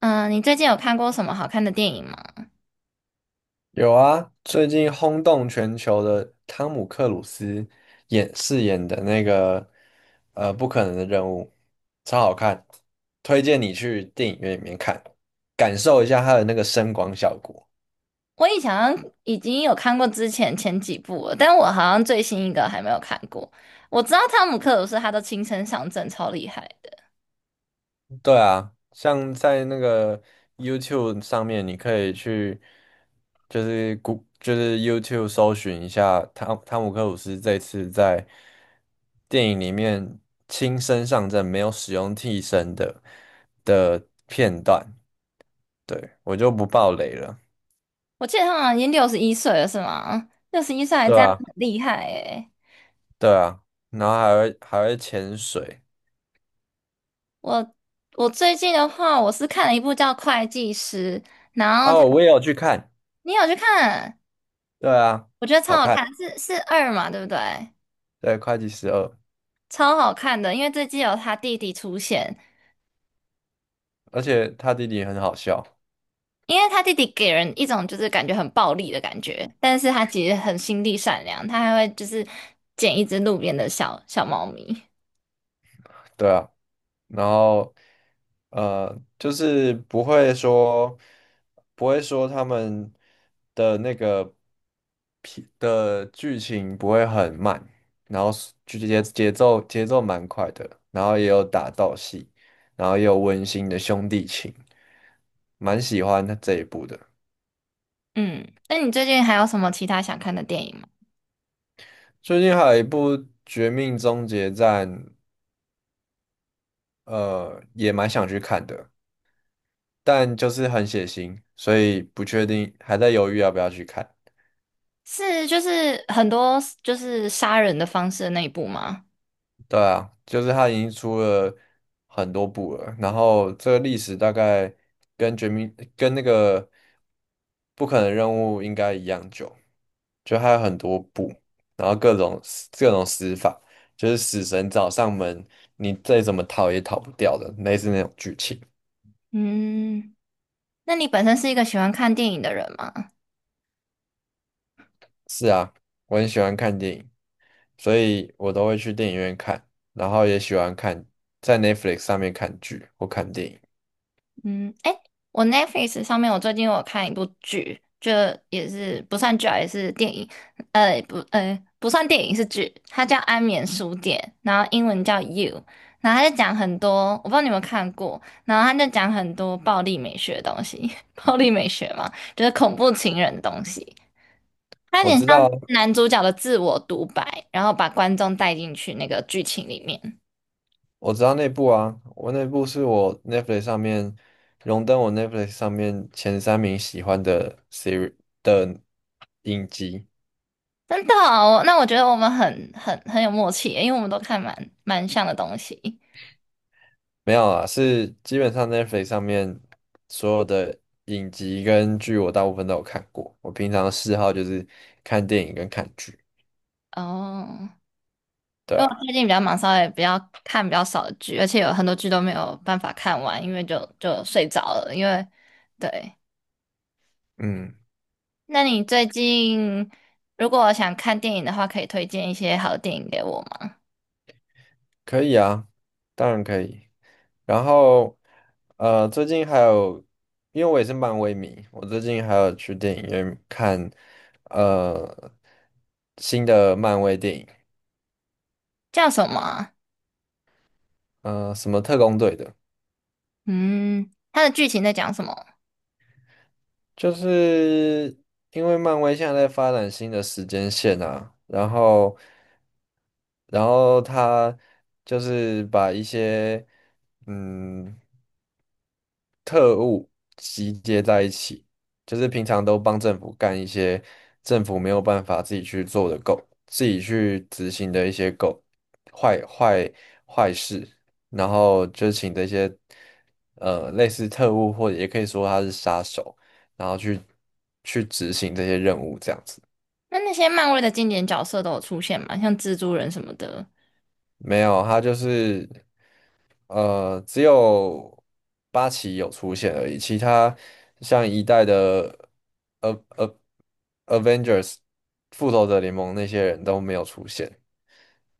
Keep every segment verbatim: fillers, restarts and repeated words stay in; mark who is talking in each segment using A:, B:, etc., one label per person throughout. A: 嗯，你最近有看过什么好看的电影吗？
B: 有啊，最近轰动全球的汤姆克鲁斯演饰演的那个呃不可能的任务，超好看，推荐你去电影院里面看，感受一下它的那个声光效果。
A: 我以前好像已经有看过之前前几部了，但我好像最新一个还没有看过。我知道汤姆克鲁斯他都青生上阵，超厉害的。
B: 对啊，像在那个 YouTube 上面，你可以去就是谷就是 YouTube 搜寻一下汤汤姆克鲁斯这次在电影里面亲身上阵，没有使用替身的的片段。对，我就不爆雷了。
A: 我记得他好像已经六十一岁了，是吗？六十一岁还
B: 对
A: 这样，
B: 啊，
A: 很厉害诶。
B: 对啊，然后还会还会潜水。
A: 我我最近的话，我是看了一部叫《会计师》，
B: 哦，我也有去看。
A: 你有去看？
B: 对啊，
A: 我觉得超
B: 好
A: 好
B: 看。
A: 看，是是二嘛，对不对？
B: 对，会计十二，
A: 超好看的，因为这季有他弟弟出现。
B: 而且他弟弟很好笑。
A: 因为他弟弟给人一种就是感觉很暴力的感觉，但是他其实很心地善良，他还会就是捡一只路边的小小猫咪。
B: 对啊。然后呃，就是不会说不会说他们的那个片的剧情不会很慢，然后是就节节奏节奏蛮快的，然后也有打斗戏，然后也有温馨的兄弟情，蛮喜欢他这一部的。
A: 嗯，那你最近还有什么其他想看的电影吗？
B: 最近还有一部《绝命终结战》，呃，也蛮想去看的，但就是很血腥，所以不确定，还在犹豫要不要去看。
A: 是就是很多就是杀人的方式的那一部吗？
B: 对啊，就是它已经出了很多部了，然后这个历史大概跟绝命跟那个不可能任务应该一样久，就还有很多部，然后各种死各种死法，就是死神找上门，你再怎么逃也逃不掉的，类似那种剧情。
A: 嗯，那你本身是一个喜欢看电影的人吗？
B: 是啊，我很喜欢看电影，所以我都会去电影院看，然后也喜欢看在 Netflix 上面看剧或看电影。
A: 嗯，哎，我 Netflix 上面我最近有看一部剧，就也是不算剧啊，也是电影，呃，不，呃，不算电影是剧，它叫《安眠书店》，然后英文叫《You》，然后它就讲很多，我不知道你有没有看过，然后它就讲很多暴力美学的东西，暴力美学嘛，就是恐怖情人的东西，
B: 我知道。
A: 男主角的自我独白，然后把观众带进去那个剧情里面。
B: 我知道那部啊，我那部是我 Netflix 上面荣登我 Netflix 上面前三名喜欢的 series 的影集，
A: 真的哦，那我觉得我们很很很有默契耶，因为我们都看蛮蛮像的东西。
B: 没有啊，是基本上 Netflix 上面所有的影集跟剧我大部分都有看过。我平常的嗜好就是看电影跟看剧，
A: 哦，
B: 对
A: 因为我
B: 啊，
A: 最近比较忙，稍微比较看比较少的剧，而且有很多剧都没有办法看完，因为就就睡着了。因为对，
B: 嗯，
A: 那你最近如果想看电影的话，可以推荐一些好的电影给我吗？
B: 可以啊，当然可以。然后，呃，最近还有，因为我也是漫威迷，我最近还有去电影院看，呃，新的漫威电影，
A: 叫什么啊？
B: 呃，什么特工队的，
A: 嗯，它的剧情在讲什么？
B: 就是因为漫威现在在发展新的时间线啊，然后，然后他就是把一些，嗯。特务集结在一起，就是平常都帮政府干一些政府没有办法自己去做的狗，自己去执行的一些狗坏坏坏事，然后就请这些呃类似特务或者也可以说他是杀手，然后去去执行这些任务这样子。
A: 那那些漫威的经典角色都有出现吗？像蜘蛛人什么的。
B: 没有，他就是。呃，只有八旗有出现而已，其他像一代的呃呃 Avengers 复仇者联盟那些人都没有出现，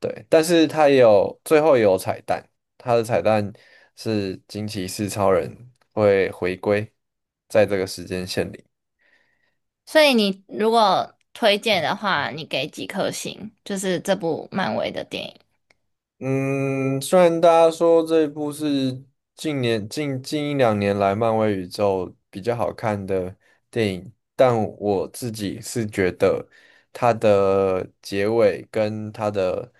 B: 对，但是他也有最后也有彩蛋，他的彩蛋是惊奇四超人会回归在这个时间线里。
A: 所以你如果推荐的话，你给几颗星？就是这部漫威的电影。
B: 嗯，虽然大家说这一部是近年近近一两年来漫威宇宙比较好看的电影，但我自己是觉得它的结尾跟它的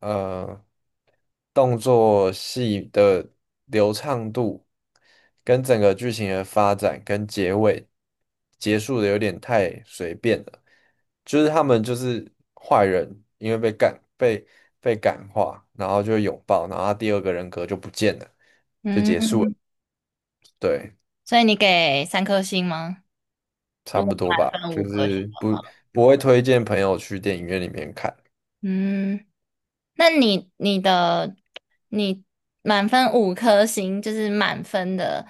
B: 呃动作戏的流畅度，跟整个剧情的发展跟结尾结束的有点太随便了，就是他们就是坏人，因为被感被被感化，然后就拥抱，然后他第二个人格就不见了，就结
A: 嗯，
B: 束了，对，
A: 所以你给三颗星吗？如
B: 差不
A: 果
B: 多
A: 满
B: 吧，
A: 分
B: 就
A: 五颗星
B: 是
A: 的
B: 不
A: 话，
B: 不会推荐朋友去电影院里面看，
A: 嗯，那你你的你满分五颗星，就是满分的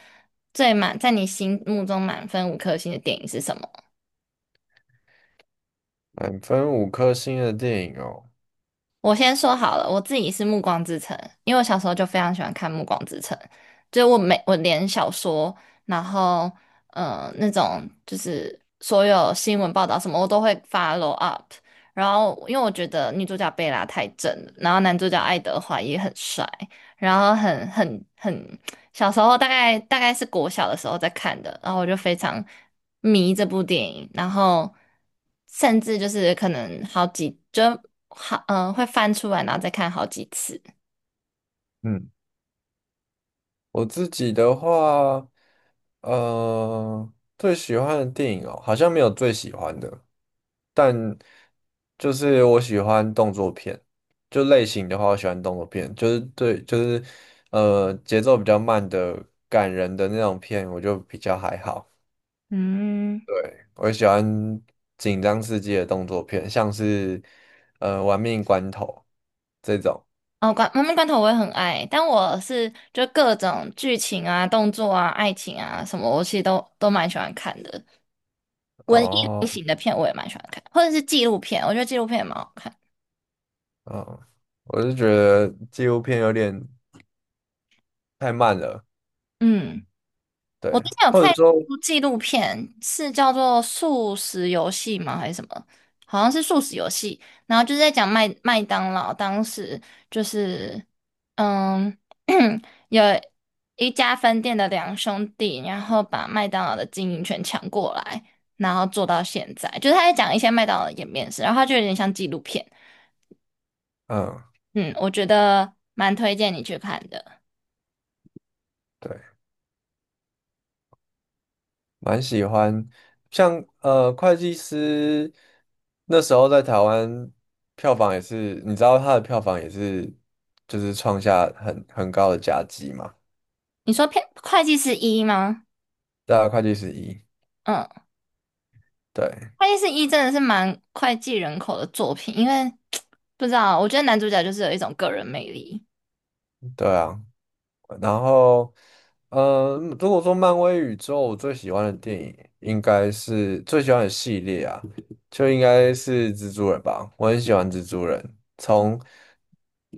A: 最满，在你心目中满分五颗星的电影是什么？
B: 满分五颗星的电影哦。
A: 我先说好了，我自己是《暮光之城》，因为我小时候就非常喜欢看《暮光之城》，就我每我连小说，然后嗯，那种就是所有新闻报道什么，我都会 follow up。然后因为我觉得女主角贝拉太正了，然后男主角爱德华也很帅，然后很很很小时候大概大概是国小的时候在看的，然后我就非常迷这部电影，然后甚至就是可能好几就好嗯、呃会翻出来，然后再看好几次。
B: 嗯。我自己的话，呃，最喜欢的电影哦，好像没有最喜欢的，但就是我喜欢动作片，就类型的话，我喜欢动作片，就是对，就是呃节奏比较慢的、感人的那种片，我就比较还好。
A: 嗯，
B: 对，我喜欢紧张刺激的动作片，像是呃《玩命关头》这种。
A: 哦，关《妈妈关头》我也很爱，但我是就各种剧情啊、动作啊、爱情啊什么，我其实都都蛮喜欢看的。文艺类
B: 哦，
A: 型的片我也蛮喜欢看，或者是纪录片，我觉得纪录片也蛮好看。
B: 嗯，我是觉得纪录片有点太慢了。
A: 嗯。我
B: 对，
A: 之前有
B: 或
A: 看
B: 者说，
A: 一部纪录片，是叫做《素食游戏》吗？还是什么？好像是素食游戏，然后就是在讲麦麦当劳当时就是，嗯，有一家分店的两兄弟，然后把麦当劳的经营权抢过来，然后做到现在，就是他在讲一些麦当劳的演变史，然后他就有点像纪录片，
B: 嗯，
A: 嗯，我觉得蛮推荐你去看的。
B: 对，蛮喜欢，像呃，会计师那时候在台湾票房也是，你知道他的票房也是，就是创下很很高的佳绩嘛，
A: 你说片会计是一吗？
B: 对啊，会计师一，
A: 嗯。
B: 对，
A: 《爱丽丝一》真的是蛮脍炙人口的作品，因为 不知道，我觉得男主角就是有一种个人魅力。
B: 对啊。然后，嗯，如果说漫威宇宙，我最喜欢的电影应该是最喜欢的系列啊，就应该是蜘蛛人吧。我很喜欢蜘蛛人，从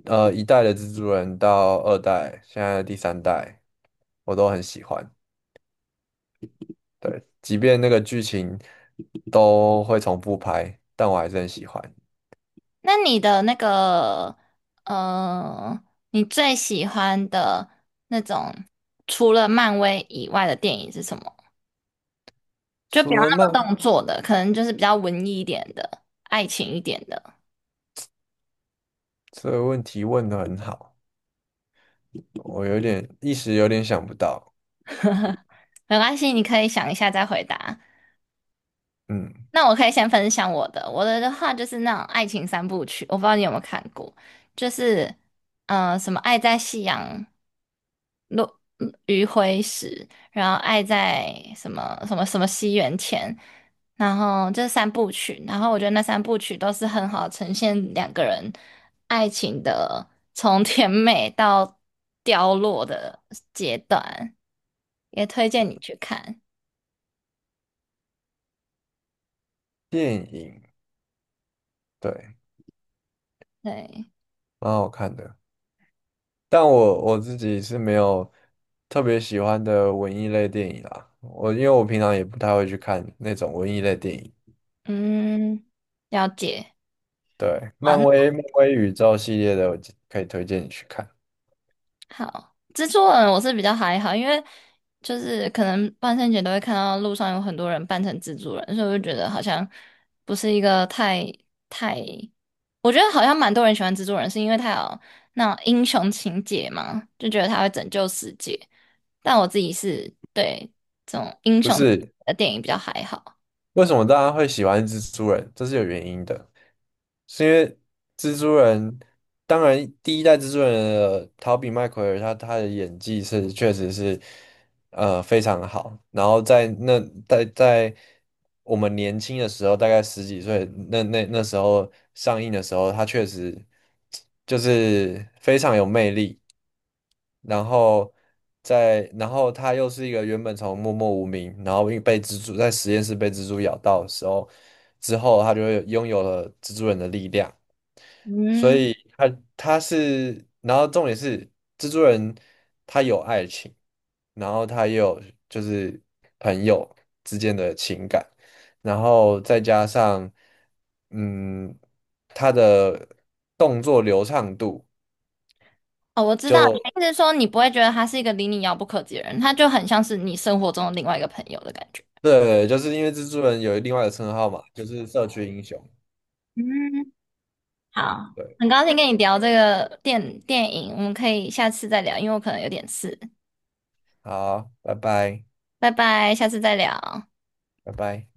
B: 呃一代的蜘蛛人到二代，现在第三代，我都很喜欢。对，即便那个剧情都会重复拍，但我还是很喜欢。
A: 那你的那个，呃，你最喜欢的那种除了漫威以外的电影是什么？就不要
B: 除了漫，
A: 那么动作的，可能就是比较文艺一点的、爱情一点的，
B: 这个问题问得很好，我有点一时有点想不到。
A: 没关系，你可以想一下再回答。
B: 嗯，
A: 那我可以先分享我的，我的的话就是那种爱情三部曲，我不知道你有没有看过，就是嗯。呃，什么《爱在夕阳》落嗯余晖时，然后爱在什么什么什么西元前，然后这三部曲，然后我觉得那三部曲都是很好呈现两个人爱情的从甜美到凋落的阶段，也推荐你去看。
B: 电影，对。
A: 对，
B: 蛮好看的。但我我自己是没有特别喜欢的文艺类电影啦。我因为我平常也不太会去看那种文艺类电影。
A: 嗯，了解。
B: 对，
A: 好
B: 漫
A: 那
B: 威漫威宇宙系列的，我可以推荐你去看。
A: 好，蜘蛛人我是比较还好，因为就是可能万圣节都会看到路上有很多人扮成蜘蛛人，所以我就觉得好像不是一个太太，我觉得好像蛮多人喜欢蜘蛛人，是因为他有那种英雄情节嘛，就觉得他会拯救世界。但我自己是对这种英
B: 不
A: 雄
B: 是，
A: 的电影比较还好。
B: 为什么大家会喜欢蜘蛛人？这是有原因的，是因为蜘蛛人，当然第一代蜘蛛人的陶比麦奎尔他他的演技是确实是。呃，非常好。然后在那在在我们年轻的时候，大概十几岁，那那那时候上映的时候，他确实就是非常有魅力。然后在然后他又是一个原本从默默无名，然后因为被蜘蛛在实验室被蜘蛛咬到的时候，之后他就会拥有了蜘蛛人的力量。所
A: 嗯，
B: 以他他是，然后重点是蜘蛛人他有爱情，然后他也有就是朋友之间的情感，然后再加上嗯他的动作流畅度
A: 哦，我知道，
B: 就
A: 意思是说你不会觉得他是一个离你遥不可及的人，他就很像是你生活中的另外一个朋友的感觉。
B: 对，就是因为蜘蛛人有另外的称号嘛，就是社区英雄。
A: 嗯好，很高兴跟你聊这个电电影，我们可以下次再聊，因为我可能有点事。
B: 好，拜拜，
A: 拜拜，下次再聊。
B: 拜拜。